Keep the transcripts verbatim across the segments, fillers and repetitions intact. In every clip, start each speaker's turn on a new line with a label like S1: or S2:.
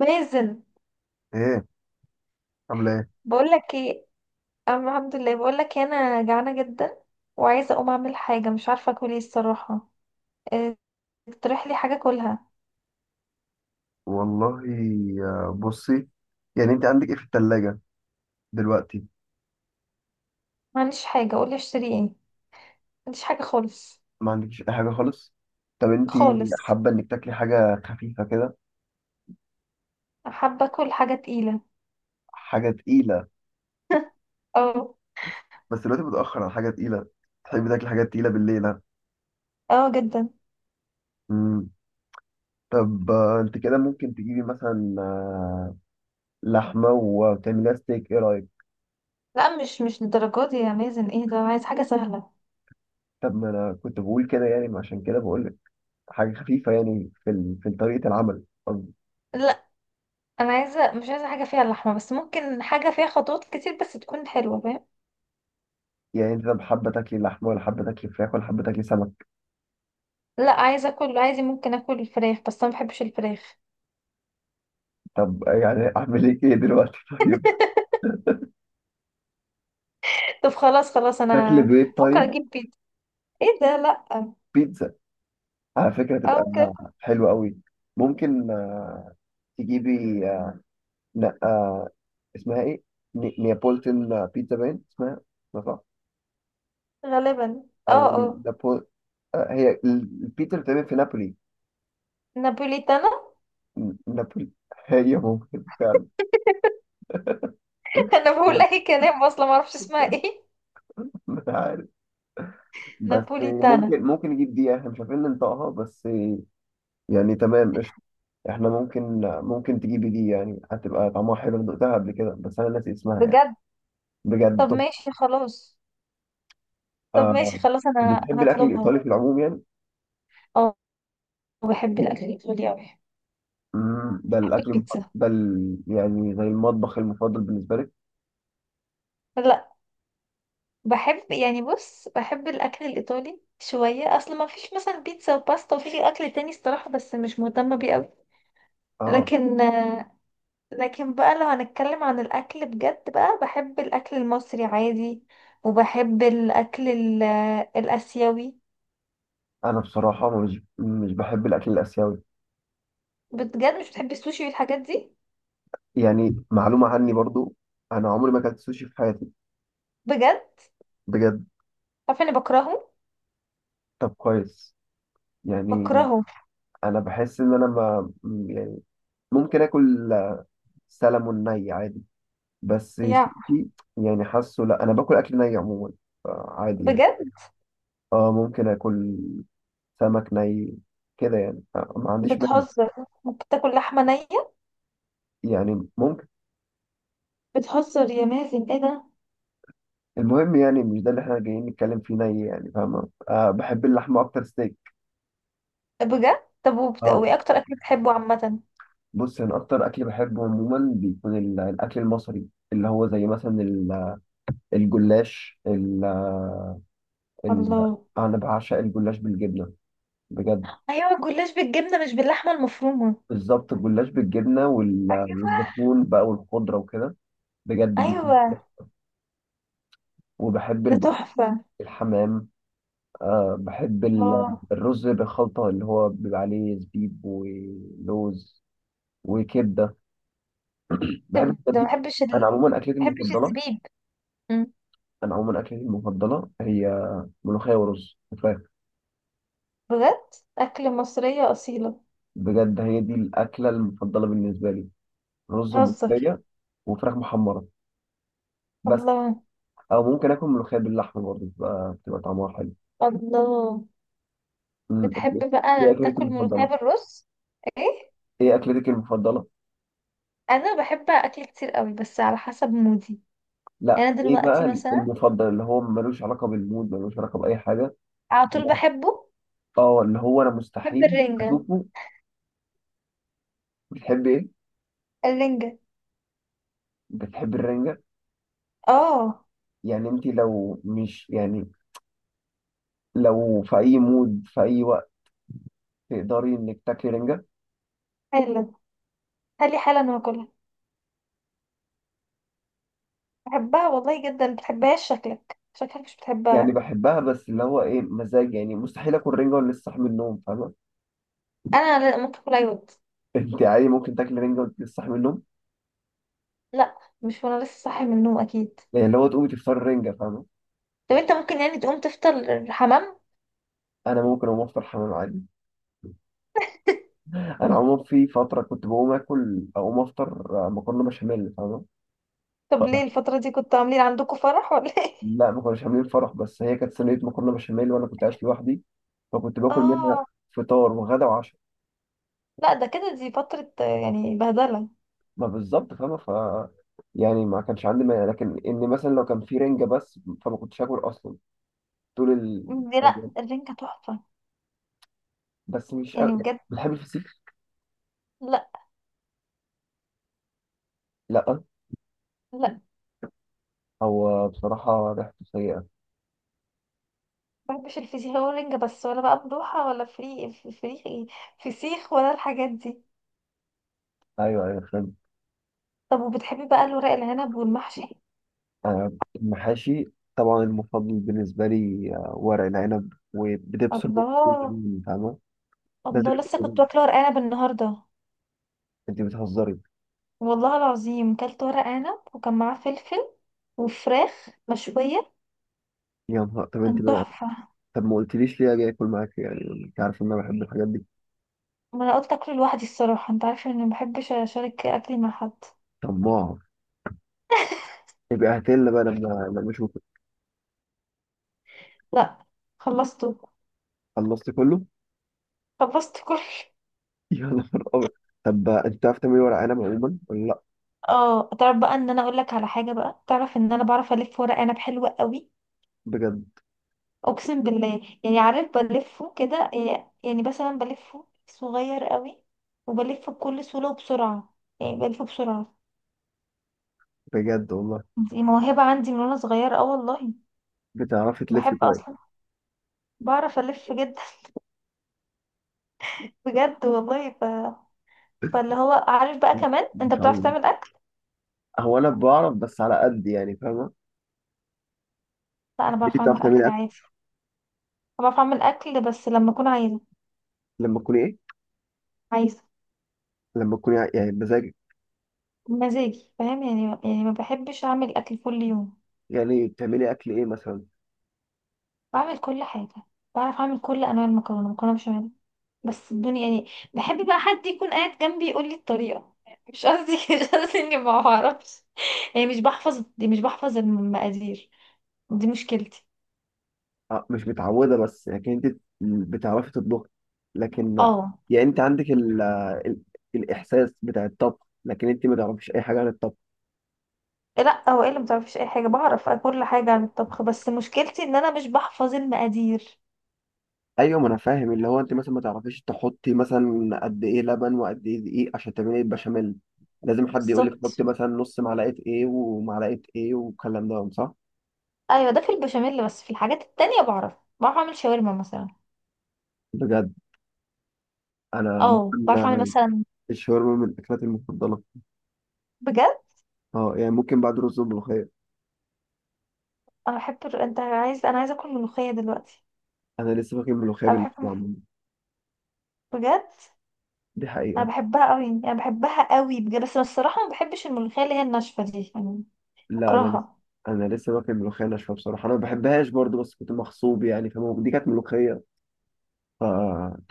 S1: مازن،
S2: ايه. عامله ايه؟
S1: بقولك ايه. أم- الحمد لله. بقولك إيه، انا جعانه جدا وعايزه اقوم اعمل حاجه، مش عارفه اكل ايه الصراحه. إيه، اقترح لي حاجه اكلها.
S2: والله، آه، بصي، يعني انت عندك ايه في التلاجة دلوقتي؟
S1: ما عنديش حاجه، قولي اشتري ايه، ما عنديش حاجه خالص،
S2: ما عندكش اي حاجه خالص؟ طب انت
S1: خالص.
S2: حابه انك تاكلي حاجه خفيفه كده؟
S1: حابه اكل حاجه تقيله.
S2: حاجه تقيله؟
S1: اه،
S2: بس دلوقتي متاخر على حاجه تقيله. تحبي تاكلي حاجات تقيله بالليل ها؟
S1: اه جدا.
S2: مم. طب آه، انت كده ممكن تجيبي مثلا آه، لحمه وتعمليها ستيك، ايه رايك؟
S1: لا، مش مش للدرجات دي يا مازن، ايه ده، انا عايز حاجه سهله.
S2: طب ما انا كنت بقول كده يعني، عشان كده بقول لك حاجه خفيفه، يعني في ال- في طريقه العمل قصدي.
S1: لا، انا عايزه، مش عايزه حاجه فيها لحمه، بس ممكن حاجه فيها خطوات كتير بس تكون حلوه، فاهم.
S2: يعني انت طب حابه تاكلي لحمه ولا حابه تاكلي فراخ ولا حابه تاكلي سمك؟
S1: لا، عايزه اكل، عايزه، ممكن اكل الفراخ، بس انا ما بحبش الفراخ.
S2: طب يعني اعمل ايه كده دلوقتي طيب.
S1: طب خلاص، خلاص،
S2: اكل
S1: انا
S2: بيض،
S1: فكر
S2: طيب.
S1: اجيب بيتزا. ايه ده، لا.
S2: بيتزا على فكره تبقى
S1: او كده.
S2: حلوه قوي. ممكن آه، تجيبي آه، لا آه، اسمها ايه، ني- نيابولتن بيتزا باين اسمها، لا صح.
S1: غالبا اه،
S2: او
S1: اه.
S2: نابول، آه، هي ال- البيتزا اللي بتتعمل في نابولي.
S1: نابوليتانا.
S2: ن- نابولي هي ممكن فعلا.
S1: انا بقول
S2: أنا
S1: اي كلام، اصلا ما اعرفش اسمها ايه.
S2: مش عارف، بس
S1: نابوليتانا.
S2: ممكن ممكن نجيب دي، احنا مش عارفين ننطقها بس. يعني تمام. احنا ممكن ممكن تجيبي دي، يعني هتبقى طعمها حلو، انا دقتها قبل كده بس انا ناسي اسمها يعني.
S1: بجد.
S2: بجد
S1: طب
S2: تحفة.
S1: ماشي خلاص. طب
S2: آه،
S1: ماشي خلاص، انا
S2: بتحبي الاكل
S1: هطلبها.
S2: الايطالي في العموم يعني؟
S1: اه، بحب الاكل الايطالي اوي.
S2: مم، ده
S1: بحب
S2: الاكل المفضل-
S1: البيتزا.
S2: ده ال- يعني زي المطبخ المفضل بالنسبه لك؟
S1: لا، بحب، يعني بص، بحب الاكل الايطالي شويه، اصل ما فيش مثلا بيتزا وباستا، وفي اكل تاني الصراحه بس مش مهتمه بيه اوي.
S2: اه.
S1: لكن آه، لكن بقى لو هنتكلم عن الأكل بجد بقى، بحب الأكل المصري عادي، وبحب الأكل ال- الآسيوي.
S2: انا بصراحه مش مش بحب الاكل الاسيوي،
S1: بجد، مش بتحب السوشي والحاجات دي.
S2: يعني معلومه عني برضو. انا عمري ما اكلت سوشي في حياتي.
S1: بجد.
S2: بجد.
S1: عارفة اني بكرهه.
S2: طب كويس، يعني
S1: بكرهه.
S2: انا بحس ان انا ما، يعني ممكن اكل سلمون ني عادي، بس سوشي.
S1: يا.
S2: يعني حاسه لا، انا باكل اكل ني عموما، عادي يعني.
S1: بجد.
S2: اه، ممكن اكل سمك ني كده يعني، آه، ما عنديش مانع.
S1: بتهزر، ممكن تاكل لحمة نية،
S2: يعني ممكن.
S1: بتهزر يا مازن ايه ده.
S2: المهم يعني مش ده اللي احنا جايين نتكلم فيه ني، يعني فاهمة، آه بحب اللحمة اكتر، ستيك.
S1: بجد. طب وبت...
S2: اه،
S1: وايه أكتر أكل بتحبه عامة؟
S2: بص، انا اكتر اكل بحبه عموما بيكون ال- الاكل المصري، اللي هو زي مثلا ال- الجلاش ال ال
S1: الله.
S2: انا بعشق الجلاش بالجبنة، بجد.
S1: أيوة، الجلاش بالجبنة مش باللحمة المفرومة.
S2: بالظبط، الجلاش بالجبنة وال-
S1: أيوة.
S2: والزيتون بقى والخضرة وكده، بجد بيكون
S1: أيوة.
S2: حلو. وبحب
S1: ده
S2: البط،
S1: تحفة.
S2: الحمام. أه بحب ال-
S1: الله.
S2: الرز بالخلطة اللي هو بيبقى عليه زبيب ولوز، وكبدة، بحب
S1: طب
S2: الحاجات
S1: ده، ما
S2: دي.
S1: بحبش ال...
S2: أنا
S1: ما
S2: عموما أكلتي
S1: بحبش
S2: المفضلة
S1: الزبيب.
S2: أنا عموما أكلتي المفضلة هي ملوخية ورز وفراخ.
S1: بجد أكل مصرية أصيلة.
S2: بجد، هي دي الأكلة المفضلة بالنسبة لي، رز
S1: هزر.
S2: وملوخية وفراخ محمرة، بس.
S1: الله.
S2: أو ممكن آكل ملوخية باللحمة برضه، بتبقى بتبقى طعمها حلو.
S1: الله.
S2: أمم،
S1: بتحب
S2: إيه
S1: بقى
S2: أكلتك
S1: تاكل ملوخية
S2: المفضلة؟
S1: بالرز؟ ايه.
S2: إيه أكلتك المفضلة؟
S1: أنا بحب أكل كتير قوي بس على حسب مودي.
S2: لا
S1: يعني أنا
S2: ايه بقى
S1: دلوقتي مثلا،
S2: المفضل، اللي هو ملوش علاقه بالمود، ملوش علاقه باي حاجه،
S1: على طول بحبه.
S2: اه، اللي هو انا
S1: بحب
S2: مستحيل
S1: الرنجة.
S2: اشوفه. بتحب ايه؟
S1: الرنجة.
S2: بتحب الرنجه؟
S1: اه.
S2: يعني انت لو مش يعني، لو في اي مود في اي وقت تقدري انك تاكلي رنجه؟
S1: حلو. خلي حالا أنا باكلها. بحبها والله جدا، بتحبهاش؟ شكلك، شكلك مش
S2: يعني
S1: بتحبها.
S2: بحبها بس اللي هو ايه، مزاج، يعني مستحيل اكل رنجه وانا لسه صاحي من النوم، فاهمه؟
S1: أنا، لا، ممكن أكلها يود.
S2: انت عادي ممكن تاكلي رنجه وانت لسه صاحي من النوم؟
S1: لا مش وأنا لسه صاحي من النوم أكيد.
S2: يعني اللي هو تقومي تفطري رنجه، فاهمه؟
S1: طب أنت ممكن يعني تقوم تفطر حمام.
S2: انا ممكن اقوم افطر حمام عادي. انا عموما في فتره كنت بقوم اكل اقوم افطر آه، مكرونه بشاميل، فاهمه.
S1: طب ليه الفترة دي كنتوا عاملين عندكم فرح ولا ايه؟
S2: لا ما كناش عاملين فرح، بس هي كانت صينية مكرونة بشاميل وأنا كنت عايش لوحدي، فكنت باكل
S1: اه.
S2: منها فطار وغدا وعشاء.
S1: لا ده كده دي فترة آه، يعني بهدلة.
S2: ما بالظبط فاهمة، ف يعني ما كانش عندي مانع، لكن إن مثلا لو كان في رنجة بس، فما كنتش آكل أصلا طول
S1: دي، لا
S2: الأيام.
S1: الرنجة تحفة.
S2: بس مش. أ...
S1: يعني بجد.
S2: بتحب الفسيخ؟
S1: لا.
S2: لأ،
S1: لا،
S2: هو بصراحة ريحته سيئة.
S1: مبحبش الفسيخ ولا الرنجة، بس ولا بقى ملوحة ولا فري فري إيه؟ فسيخ ولا الحاجات دي.
S2: أيوه، أيوه، فاهم.
S1: طب وبتحبي بقى الورق العنب والمحشي؟
S2: أنا المحاشي طبعا المفضل بالنسبة لي آه، ورق العنب، وبدبس البقول،
S1: الله.
S2: فاهمة، ده زي
S1: الله، لسه كنت
S2: الفل.
S1: واكلة ورق عنب النهاردة.
S2: أنت بتهزري؟
S1: والله العظيم كلت ورق عنب وكان معاه فلفل وفراخ مشوية،
S2: يا نهار، طب أنت،
S1: كان تحفة.
S2: طب ما قلتليش ليه اجي اكل معاك، يعني انت عارف ان انا بحب الحاجات دي.
S1: ما انا قلت اكله لوحدي الصراحة، انت عارفة اني مبحبش اشارك اكلي مع حد.
S2: طماع، يبقى هاتلنا بقى لما لما اشوفك.
S1: لا، خلصته.
S2: خلصت كله؟
S1: خلصت كل.
S2: يا نهار ابيض. طب انت بتعرف تعمل ورق عنب عموما ولا لا؟
S1: اه، تعرف بقى، ان انا اقول لك على حاجه بقى، تعرف ان انا بعرف الف ورق عنب حلو قوي.
S2: بجد؟
S1: اقسم بالله، يعني عارف بلفه كده إيه، يعني مثلا بلفه صغير قوي وبلفه بكل سهوله وبسرعه، يعني بلفه بسرعه.
S2: بجد والله.
S1: دي موهبه عندي من وانا صغيره، اه والله.
S2: بتعرفي تلفي
S1: بحب
S2: كويس،
S1: اصلا، بعرف الف جدا. بجد والله ف... فاللي هو، عارف بقى، كمان
S2: ما
S1: انت
S2: شاء
S1: بتعرف
S2: الله.
S1: تعمل اكل.
S2: هو انا بعرف بس على قد، يعني فاهمه.
S1: لا، انا
S2: انت
S1: بعرف اعمل
S2: بتعرفي تعملي
S1: اكل
S2: اكل؟
S1: عادي. بعرف اعمل اكل بس لما اكون عايزه.
S2: لما تكوني ايه؟
S1: عايزه.
S2: لما تكوني يعني بمزاجك؟
S1: مزاجي فاهم، يعني يعني ما بحبش اعمل اكل كل يوم.
S2: يعني بتعملي اكل ايه مثلا؟
S1: بعمل كل حاجه. بعرف اعمل كل انواع المكرونه، مكرونه بشاميل، بس الدنيا يعني بحب بقى حد يكون قاعد جنبي يقول لي الطريقه. مش قصدي مش قصدي اني ما بعرفش، يعني مش بحفظ، دي مش بحفظ المقادير، دي مشكلتي.
S2: آه، مش متعودة بس، لكن انت بتعرفي تطبخي، لكن
S1: اه.
S2: يعني انت عندك ال... ال... الإحساس بتاع الطبخ، لكن انت ما تعرفيش أي حاجة عن الطبخ.
S1: لا هو ايه اللي ما بتعرفيش اي حاجه، بعرف كل حاجه عن الطبخ، بس مشكلتي ان انا مش بحفظ المقادير.
S2: أيوة، ما أنا فاهم، اللي هو انت مثلا ما تعرفيش تحطي مثلا قد إيه لبن وقد إيه دقيق عشان تعملي البشاميل، لازم حد يقول لك
S1: بالظبط.
S2: حطي مثلا نص معلقة إيه ومعلقة إيه والكلام ده، صح؟
S1: ايوه ده في البشاميل، بس في الحاجات التانية بعرف. بعرف اعمل شاورما مثلا.
S2: بجد؟ أنا
S1: اه بعرف اعمل
S2: عموما
S1: مثلا.
S2: الشاورما من الأكلات المفضلة.
S1: بجد.
S2: اه، يعني ممكن بعد رز وملوخية.
S1: انا بحب الر- انت عايز، انا عايزه اكل ملوخيه دلوقتي.
S2: أنا لسه فاكر الملوخية
S1: انا
S2: باللحمة
S1: بحب.
S2: عموما.
S1: بجد
S2: دي
S1: انا
S2: حقيقة.
S1: بحبها قوي، انا بحبها قوي بجد، بس أنا الصراحه ما بحبش الملوخيه اللي هي الناشفه دي يعني.
S2: لا، انا لسه
S1: بكرهها.
S2: انا لسه واكل ملوخيه ناشفه بصراحه، انا ما بحبهاش برضو، بس كنت مغصوب يعني، فاهم، دي كانت ملوخيه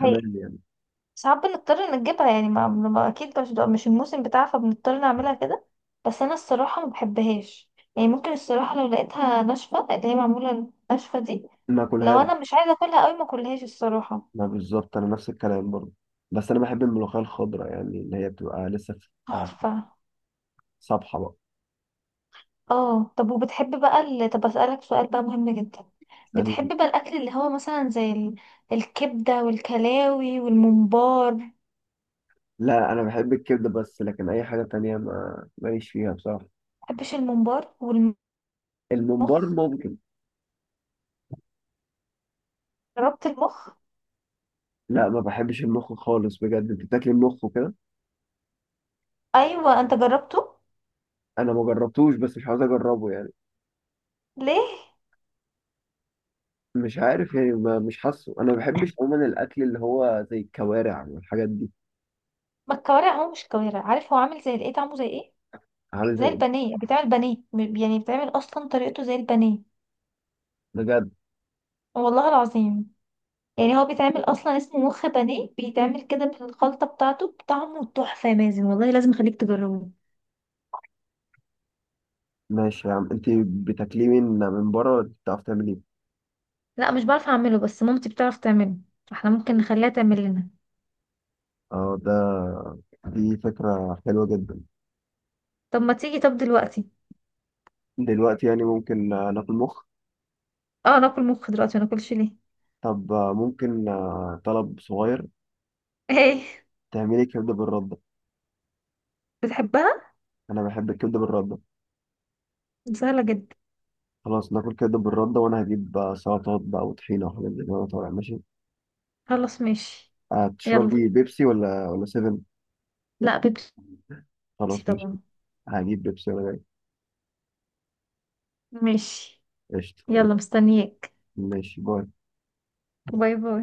S1: هي
S2: يعني.
S1: ساعات بنضطر إن نجيبها، يعني ما ما- اكيد مش مش الموسم بتاعها، فبنضطر نعملها كده. بس انا الصراحه ما بحبهاش، يعني ممكن الصراحه لو لقيتها ناشفه اللي هي معموله ناشفه دي،
S2: ما
S1: لو
S2: اكلهاش.
S1: انا مش عايزه اكلها قوي ما اكلهاش الصراحه.
S2: ما بالظبط، انا نفس الكلام برضو. بس انا بحب الملوخيه الخضراء، يعني اللي هي بتبقى لسه في، آه،
S1: تحفه.
S2: صبحه بقى.
S1: اه طب وبتحب بقى ال... طب اسألك سؤال بقى مهم جدا،
S2: يعني
S1: بتحب بقى الاكل اللي هو مثلا زي ال... الكبدة والكلاوي والممبار.
S2: لا، انا بحب الكبده بس، لكن اي حاجه تانية ما ماليش فيها بصراحه.
S1: مبحبش الممبار.
S2: الممبار
S1: والمخ.
S2: ممكن.
S1: جربت المخ؟
S2: لا، ما بحبش المخ خالص، بجد انت بتاكل المخ وكده؟
S1: ايوه، انت جربته؟
S2: انا ما جربتوش، بس مش عاوز اجربه يعني.
S1: ليه؟
S2: مش عارف يعني، ما مش حاسه، انا ما بحبش عموما الاكل اللي هو زي الكوارع والحاجات دي.
S1: ما الكوارع، هو مش كوارع، عارف هو عامل زي الايه، طعمه زي ايه؟
S2: عامل زي
S1: زي
S2: إيه؟
S1: البانيه، بيتعمل بانيه، م- يعني بيتعمل اصلا طريقته زي البانيه.
S2: بجد؟
S1: والله العظيم. يعني هو بيتعمل اصلا اسمه مخ بانيه، بيتعمل كده بالخلطه بتاعته، بطعمه تحفه يا مازن والله، لازم اخليك تجربه.
S2: ماشي يا عم، انت بتاكليه من من بره ولا بتعرف تعمليه؟
S1: لا مش بعرف اعمله، بس مامتي بتعرف تعمله. احنا ممكن نخليها تعمل لنا.
S2: اه، ده، دي فكرة حلوة جدا.
S1: طب ما تيجي طب دلوقتي.
S2: دلوقتي يعني ممكن آه، ناكل مخ.
S1: اه، ناكل مخ دلوقتي، ما ناكلش ليه.
S2: طب آه، ممكن آه، طلب صغير،
S1: ايه؟
S2: تعملي كبدة بالردة؟
S1: بتحبها؟
S2: انا بحب الكبدة بالردة.
S1: سهله جدا.
S2: خلاص، ناكل كبدة بالردة، وانا هجيب آه، سلطات بقى وطحينة وحاجات زي كده وأنا طالع، ماشي.
S1: خلاص ماشي. يلا.
S2: هتشربي بيبسي ولا ولا سيفن؟
S1: لا، بيبسي.
S2: خلاص ماشي.
S1: طبعا.
S2: هجيب بيبسي ولا
S1: ماشي.
S2: قشطة؟
S1: يلا مستنياك.
S2: ماشي باي.
S1: باي باي.